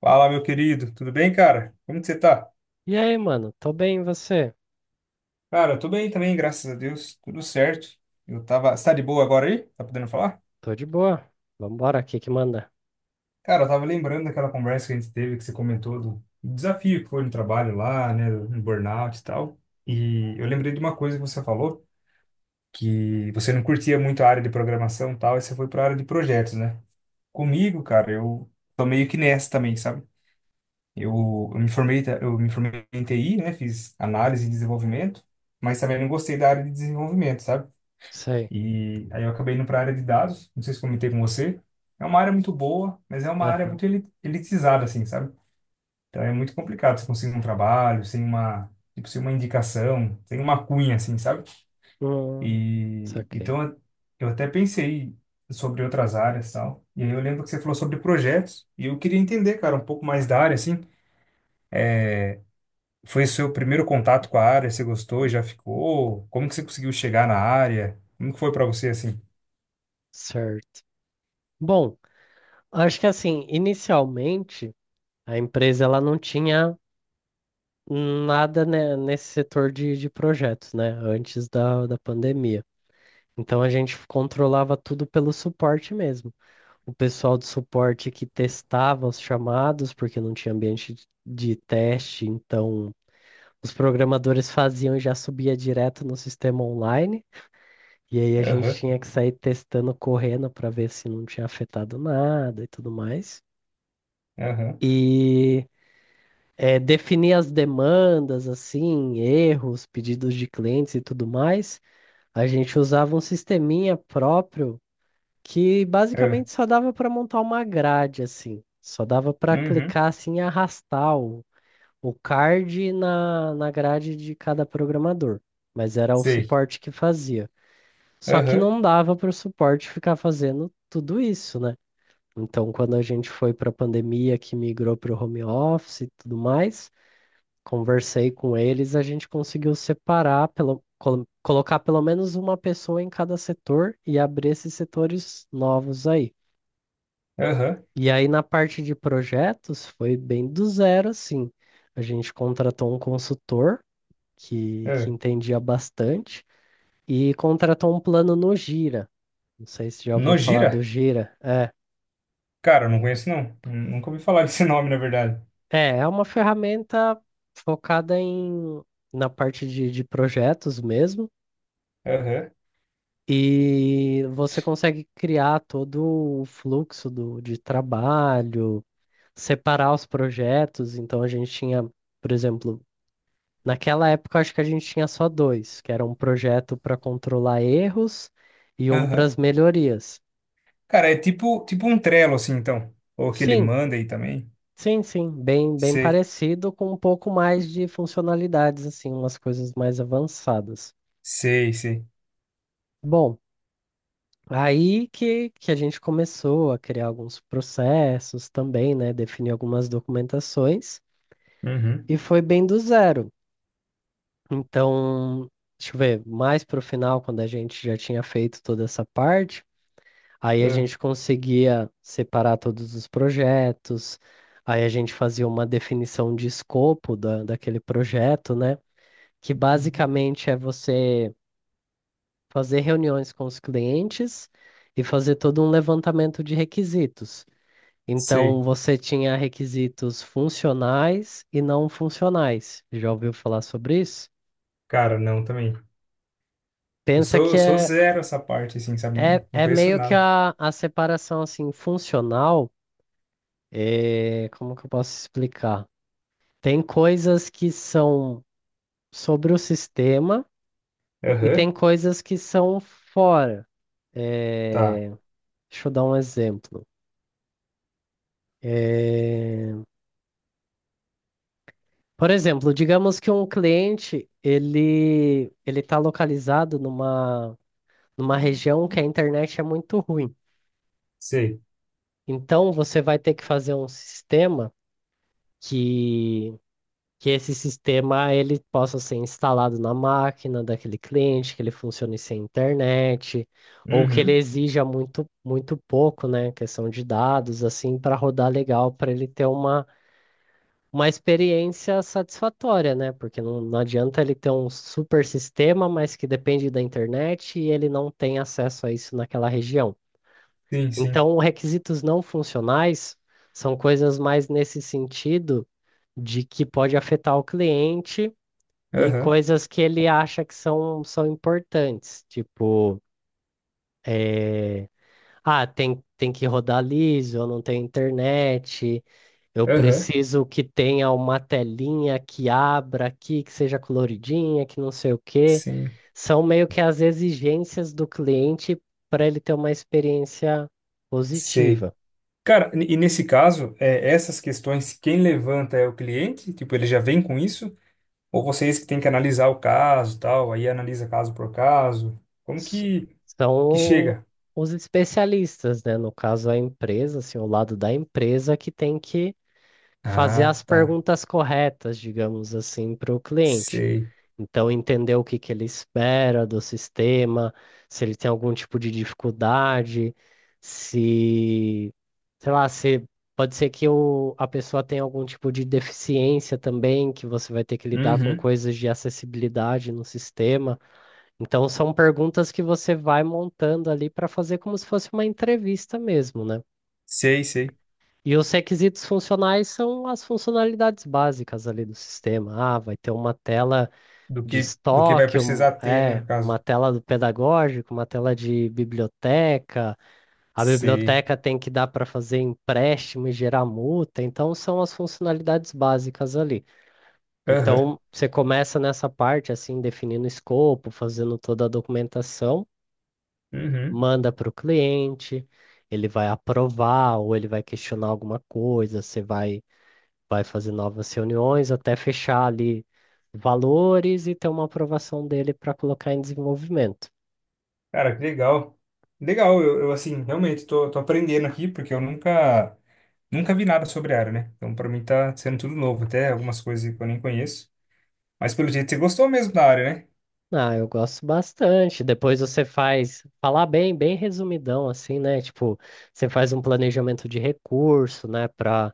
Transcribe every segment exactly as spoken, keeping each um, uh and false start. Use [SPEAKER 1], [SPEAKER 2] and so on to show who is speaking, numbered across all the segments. [SPEAKER 1] Fala, meu querido, tudo bem, cara? Como que você tá?
[SPEAKER 2] E aí, mano? Tô bem, e você?
[SPEAKER 1] Cara, eu tô bem também, graças a Deus, tudo certo. Eu tava. Você tá de boa agora aí? Tá podendo falar?
[SPEAKER 2] Tô de boa. Vambora, o que que manda?
[SPEAKER 1] Cara, eu tava lembrando daquela conversa que a gente teve, que você comentou do do desafio que foi no trabalho lá, né, no burnout e tal. E eu lembrei de uma coisa que você falou, que você não curtia muito a área de programação e tal, e você foi pra área de projetos, né? Comigo, cara, eu tô meio que nessa também, sabe? Eu, eu me formei, ta- eu me formei em T I, né? Fiz análise e desenvolvimento, mas também não gostei da área de desenvolvimento, sabe?
[SPEAKER 2] Sei.
[SPEAKER 1] E aí eu acabei indo para a área de dados, não sei se comentei com você. É uma área muito boa, mas é uma área
[SPEAKER 2] Aham.
[SPEAKER 1] muito eli- elitizada, assim, sabe? Então é muito complicado você conseguir um trabalho sem uma, tipo, sem uma indicação, sem uma cunha, assim, sabe?
[SPEAKER 2] Hum,
[SPEAKER 1] E
[SPEAKER 2] saquei.
[SPEAKER 1] então eu eu até pensei sobre outras áreas, e tal. E aí eu lembro que você falou sobre projetos, e eu queria entender, cara, um pouco mais da área, assim. Foi seu primeiro contato com a área? Você gostou? e Já ficou? Como que você conseguiu chegar na área? Como que foi pra você assim?
[SPEAKER 2] Certo. Bom, acho que assim, inicialmente, a empresa ela não tinha nada, né, nesse setor de, de projetos, né? Antes da, da pandemia. Então a gente controlava tudo pelo suporte mesmo. O pessoal do suporte que testava os chamados, porque não tinha ambiente de de teste, então os programadores faziam e já subia direto no sistema online. E aí a gente
[SPEAKER 1] Aham,
[SPEAKER 2] tinha que sair testando, correndo para ver se não tinha afetado nada e tudo mais.
[SPEAKER 1] aham,
[SPEAKER 2] E eh, definir as demandas, assim, erros, pedidos de clientes e tudo mais. A gente usava um sisteminha próprio que
[SPEAKER 1] aham,
[SPEAKER 2] basicamente só dava para montar uma grade, assim. Só dava para
[SPEAKER 1] uhum,
[SPEAKER 2] clicar assim e arrastar o o card na, na grade de cada programador, mas era o
[SPEAKER 1] sei.
[SPEAKER 2] suporte que fazia. Só que
[SPEAKER 1] Aham,
[SPEAKER 2] não dava para o suporte ficar fazendo tudo isso, né? Então, quando a gente foi para a pandemia, que migrou para o home office e tudo mais, conversei com eles, a gente conseguiu separar, pelo, colo- colocar pelo menos uma pessoa em cada setor e abrir esses setores novos aí.
[SPEAKER 1] aham,
[SPEAKER 2] E aí, na parte de projetos, foi bem do zero, assim. A gente contratou um consultor que, que
[SPEAKER 1] aham.
[SPEAKER 2] entendia bastante, e contratou um plano no Gira. Não sei se já ouviu falar
[SPEAKER 1] Nojira?
[SPEAKER 2] do Gira. É,
[SPEAKER 1] Cara, eu não conheço não. Nunca ouvi falar desse nome, na verdade.
[SPEAKER 2] é, é uma ferramenta focada em, na parte de, de projetos mesmo,
[SPEAKER 1] Aham,
[SPEAKER 2] e você consegue criar todo o fluxo do, de trabalho, separar os projetos. Então a gente tinha, por exemplo, naquela época acho que a gente tinha só dois, que era um projeto para controlar erros e um para
[SPEAKER 1] aham.
[SPEAKER 2] as melhorias.
[SPEAKER 1] Cara, é tipo, tipo um Trello, assim, então. Ou que ele
[SPEAKER 2] Sim,
[SPEAKER 1] manda aí também.
[SPEAKER 2] sim, sim, bem, bem
[SPEAKER 1] Sei,
[SPEAKER 2] parecido com um pouco mais de funcionalidades, assim, umas coisas mais avançadas.
[SPEAKER 1] sei, sei.
[SPEAKER 2] Bom, aí que, que a gente começou a criar alguns processos também, né? Definir algumas documentações
[SPEAKER 1] Uhum,
[SPEAKER 2] e foi bem do zero. Então, deixa eu ver, mais para o final, quando a gente já tinha feito toda essa parte, aí a
[SPEAKER 1] ah,
[SPEAKER 2] gente conseguia separar todos os projetos, aí a gente fazia uma definição de escopo da, daquele projeto, né? Que
[SPEAKER 1] uhum.
[SPEAKER 2] basicamente é você fazer reuniões com os clientes e fazer todo um levantamento de requisitos.
[SPEAKER 1] Sei.
[SPEAKER 2] Então, você tinha requisitos funcionais e não funcionais. Já ouviu falar sobre isso?
[SPEAKER 1] Cara, não, também. Eu
[SPEAKER 2] Pensa
[SPEAKER 1] sou,
[SPEAKER 2] que
[SPEAKER 1] eu sou
[SPEAKER 2] é,
[SPEAKER 1] zero essa parte, assim, sabe? Não,
[SPEAKER 2] é,
[SPEAKER 1] não
[SPEAKER 2] é
[SPEAKER 1] conheço
[SPEAKER 2] meio que
[SPEAKER 1] nada.
[SPEAKER 2] a, a separação assim, funcional. É, como que eu posso explicar? Tem coisas que são sobre o sistema e tem
[SPEAKER 1] Aham.
[SPEAKER 2] coisas que são fora.
[SPEAKER 1] Tá,
[SPEAKER 2] É, deixa eu dar um exemplo. É, Por exemplo, digamos que um cliente ele ele está localizado numa numa região que a internet é muito ruim.
[SPEAKER 1] sei.
[SPEAKER 2] Então você vai ter que fazer um sistema que que esse sistema ele possa ser instalado na máquina daquele cliente, que ele funcione sem internet, ou que ele
[SPEAKER 1] Uhum.
[SPEAKER 2] exija muito muito pouco, né, questão de dados assim para rodar legal, para ele ter uma uma experiência satisfatória, né? Porque não, não adianta ele ter um super sistema, mas que depende da internet e ele não tem acesso a isso naquela região.
[SPEAKER 1] Sim, sim.
[SPEAKER 2] Então, requisitos não funcionais são coisas mais nesse sentido de que pode afetar o cliente e
[SPEAKER 1] Aham,
[SPEAKER 2] coisas que ele acha que são, são importantes, tipo. eh, ah, tem, tem que rodar liso, não tem internet, eu
[SPEAKER 1] aham,
[SPEAKER 2] preciso que tenha uma telinha que abra aqui, que seja coloridinha, que não sei o quê.
[SPEAKER 1] sim,
[SPEAKER 2] São meio que as exigências do cliente para ele ter uma experiência
[SPEAKER 1] sei.
[SPEAKER 2] positiva.
[SPEAKER 1] Cara, e nesse caso, é, essas questões, quem levanta é o cliente? Tipo, ele já vem com isso? Ou vocês que têm que analisar o caso, tal, aí analisa caso por caso? Como
[SPEAKER 2] S-
[SPEAKER 1] que,
[SPEAKER 2] São
[SPEAKER 1] que
[SPEAKER 2] o-
[SPEAKER 1] chega?
[SPEAKER 2] os especialistas, né? No caso, a empresa, assim, o lado da empresa que tem que fazer
[SPEAKER 1] Ah,
[SPEAKER 2] as
[SPEAKER 1] tá,
[SPEAKER 2] perguntas corretas, digamos assim, para o cliente.
[SPEAKER 1] sei.
[SPEAKER 2] Então, entender o que que ele espera do sistema, se ele tem algum tipo de dificuldade, se, sei lá, se pode ser que o, a pessoa tenha algum tipo de deficiência também, que você vai ter que lidar com
[SPEAKER 1] Uhum,
[SPEAKER 2] coisas de acessibilidade no sistema. Então, são perguntas que você vai montando ali para fazer como se fosse uma entrevista mesmo, né?
[SPEAKER 1] sei, sei.
[SPEAKER 2] E os requisitos funcionais são as funcionalidades básicas ali do sistema. Ah, vai ter uma tela
[SPEAKER 1] Do
[SPEAKER 2] de
[SPEAKER 1] que, do que vai
[SPEAKER 2] estoque, um-
[SPEAKER 1] precisar ter, né,
[SPEAKER 2] é,
[SPEAKER 1] no
[SPEAKER 2] uma
[SPEAKER 1] caso?
[SPEAKER 2] tela do pedagógico, uma tela de biblioteca. A
[SPEAKER 1] Sei.
[SPEAKER 2] biblioteca tem que dar para fazer empréstimo e gerar multa. Então, são as funcionalidades básicas ali.
[SPEAKER 1] Aham,
[SPEAKER 2] Então, você começa nessa parte, assim, definindo o escopo, fazendo toda a documentação,
[SPEAKER 1] uhum.
[SPEAKER 2] manda para o cliente, ele vai aprovar ou ele vai questionar alguma coisa, você vai vai fazer novas reuniões até fechar ali valores e ter uma aprovação dele para colocar em desenvolvimento.
[SPEAKER 1] Cara, que legal. Legal, eu, eu, assim, realmente tô, tô aprendendo aqui, porque eu nunca, nunca vi nada sobre a área, né? Então, pra mim tá sendo tudo novo, até algumas coisas que eu nem conheço. Mas pelo jeito você gostou mesmo da área, né?
[SPEAKER 2] Ah, eu gosto bastante. Depois você faz, falar bem, bem resumidão assim, né? Tipo, você faz um planejamento de recurso, né? Para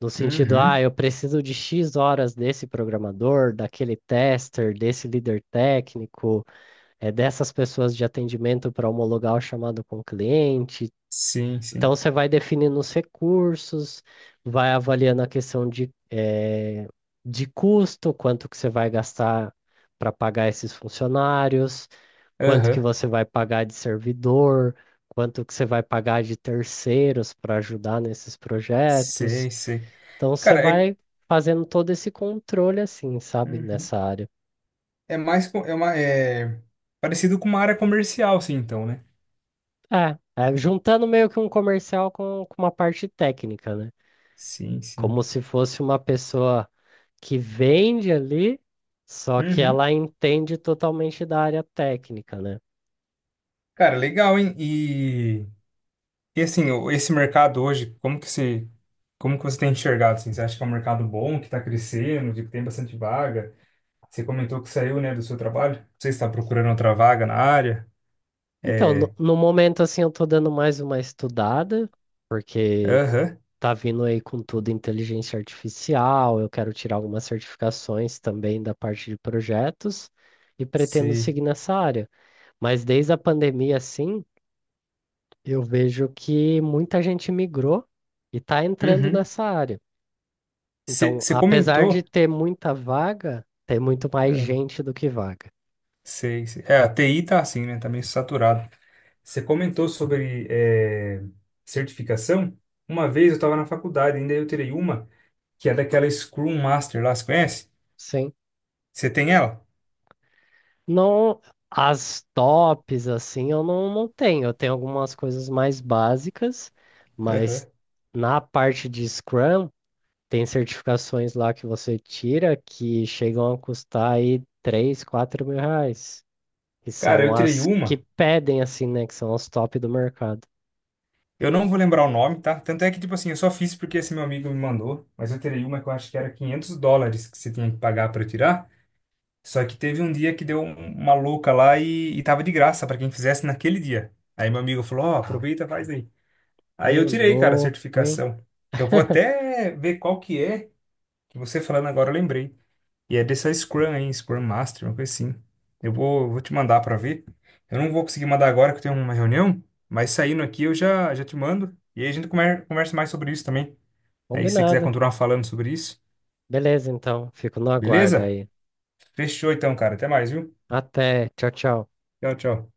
[SPEAKER 2] no sentido, ah,
[SPEAKER 1] Uhum.
[SPEAKER 2] eu preciso de X horas desse programador, daquele tester, desse líder técnico, é dessas pessoas de atendimento para homologar o chamado com o cliente.
[SPEAKER 1] Sim,
[SPEAKER 2] Então,
[SPEAKER 1] sim.
[SPEAKER 2] você vai definindo os recursos, vai avaliando a questão de, eh, de custo, quanto que você vai gastar para pagar esses funcionários, quanto que
[SPEAKER 1] Aham.
[SPEAKER 2] você vai pagar de servidor, quanto que você vai pagar de terceiros para ajudar nesses projetos.
[SPEAKER 1] Sei, sei.
[SPEAKER 2] Então, você
[SPEAKER 1] Cara, é,
[SPEAKER 2] vai fazendo todo esse controle, assim, sabe,
[SPEAKER 1] uhum.
[SPEAKER 2] nessa área.
[SPEAKER 1] É mais, com- é uma, é parecido com uma área comercial, sim, então, né?
[SPEAKER 2] É, é juntando meio que um comercial com, com uma parte técnica, né?
[SPEAKER 1] Sim, sim.
[SPEAKER 2] Como se fosse uma pessoa que vende ali, só que
[SPEAKER 1] Uhum.
[SPEAKER 2] ela entende totalmente da área técnica, né?
[SPEAKER 1] Cara, legal, hein? E assim, o- esse mercado hoje, como que se, como que você tem enxergado, assim? Você acha que é um mercado bom, que está crescendo, que tem bastante vaga? Você comentou que saiu, né, do seu trabalho. Não sei se está procurando outra vaga na área.
[SPEAKER 2] Então,
[SPEAKER 1] É,
[SPEAKER 2] no, no momento, assim, eu tô dando mais uma estudada, porque
[SPEAKER 1] aham,
[SPEAKER 2] tá vindo aí com tudo inteligência artificial, eu quero tirar algumas certificações também da parte de projetos e pretendo
[SPEAKER 1] sei.
[SPEAKER 2] seguir nessa área. Mas desde a pandemia, assim, eu vejo que muita gente migrou e tá entrando
[SPEAKER 1] Uhum.
[SPEAKER 2] nessa área.
[SPEAKER 1] Você
[SPEAKER 2] Então,
[SPEAKER 1] você
[SPEAKER 2] apesar de
[SPEAKER 1] comentou,
[SPEAKER 2] ter muita vaga, tem muito mais
[SPEAKER 1] é,
[SPEAKER 2] gente do que vaga.
[SPEAKER 1] sei, sei. É, a T I tá assim, né, tá meio saturado. Você comentou sobre é, certificação. Uma vez eu estava na faculdade, ainda eu tirei uma, que é daquela Scrum Master lá, você conhece?
[SPEAKER 2] Sim.
[SPEAKER 1] Você tem ela?
[SPEAKER 2] Não, as tops, assim, eu não, não tenho. Eu tenho algumas coisas mais básicas,
[SPEAKER 1] Aham.
[SPEAKER 2] mas na parte de Scrum, tem certificações lá que você tira que chegam a custar aí três, quatro mil reais. Que
[SPEAKER 1] Cara,
[SPEAKER 2] são
[SPEAKER 1] eu tirei
[SPEAKER 2] as que
[SPEAKER 1] uma,
[SPEAKER 2] pedem, assim, né? Que são as top do mercado.
[SPEAKER 1] eu não vou lembrar o nome, tá? Tanto é que, tipo assim, eu só fiz porque esse meu amigo me mandou, mas eu tirei uma que eu acho que era quinhentos dólares que você tinha que pagar pra tirar. Só que teve um dia que deu um- uma louca lá e, e tava de graça pra quem fizesse naquele dia. Aí meu amigo falou: Ó, aproveita, faz aí. Aí eu
[SPEAKER 2] Ô,
[SPEAKER 1] tirei, cara, a
[SPEAKER 2] louco, hein?
[SPEAKER 1] certificação. Eu vou até ver qual que é, que você falando agora eu lembrei. E é dessa Scrum aí, Scrum Master, uma coisa assim. Eu vou, eu vou te mandar pra ver. Eu não vou conseguir mandar agora que eu tenho uma reunião, mas saindo aqui eu já, já te mando. E aí a gente comer- conversa mais sobre isso também. Aí se você quiser
[SPEAKER 2] Combinado.
[SPEAKER 1] continuar falando sobre isso,
[SPEAKER 2] Beleza, então. Fico no aguardo
[SPEAKER 1] beleza?
[SPEAKER 2] aí.
[SPEAKER 1] Fechou então, cara. Até mais, viu?
[SPEAKER 2] Até. Tchau, tchau.
[SPEAKER 1] Tchau, tchau.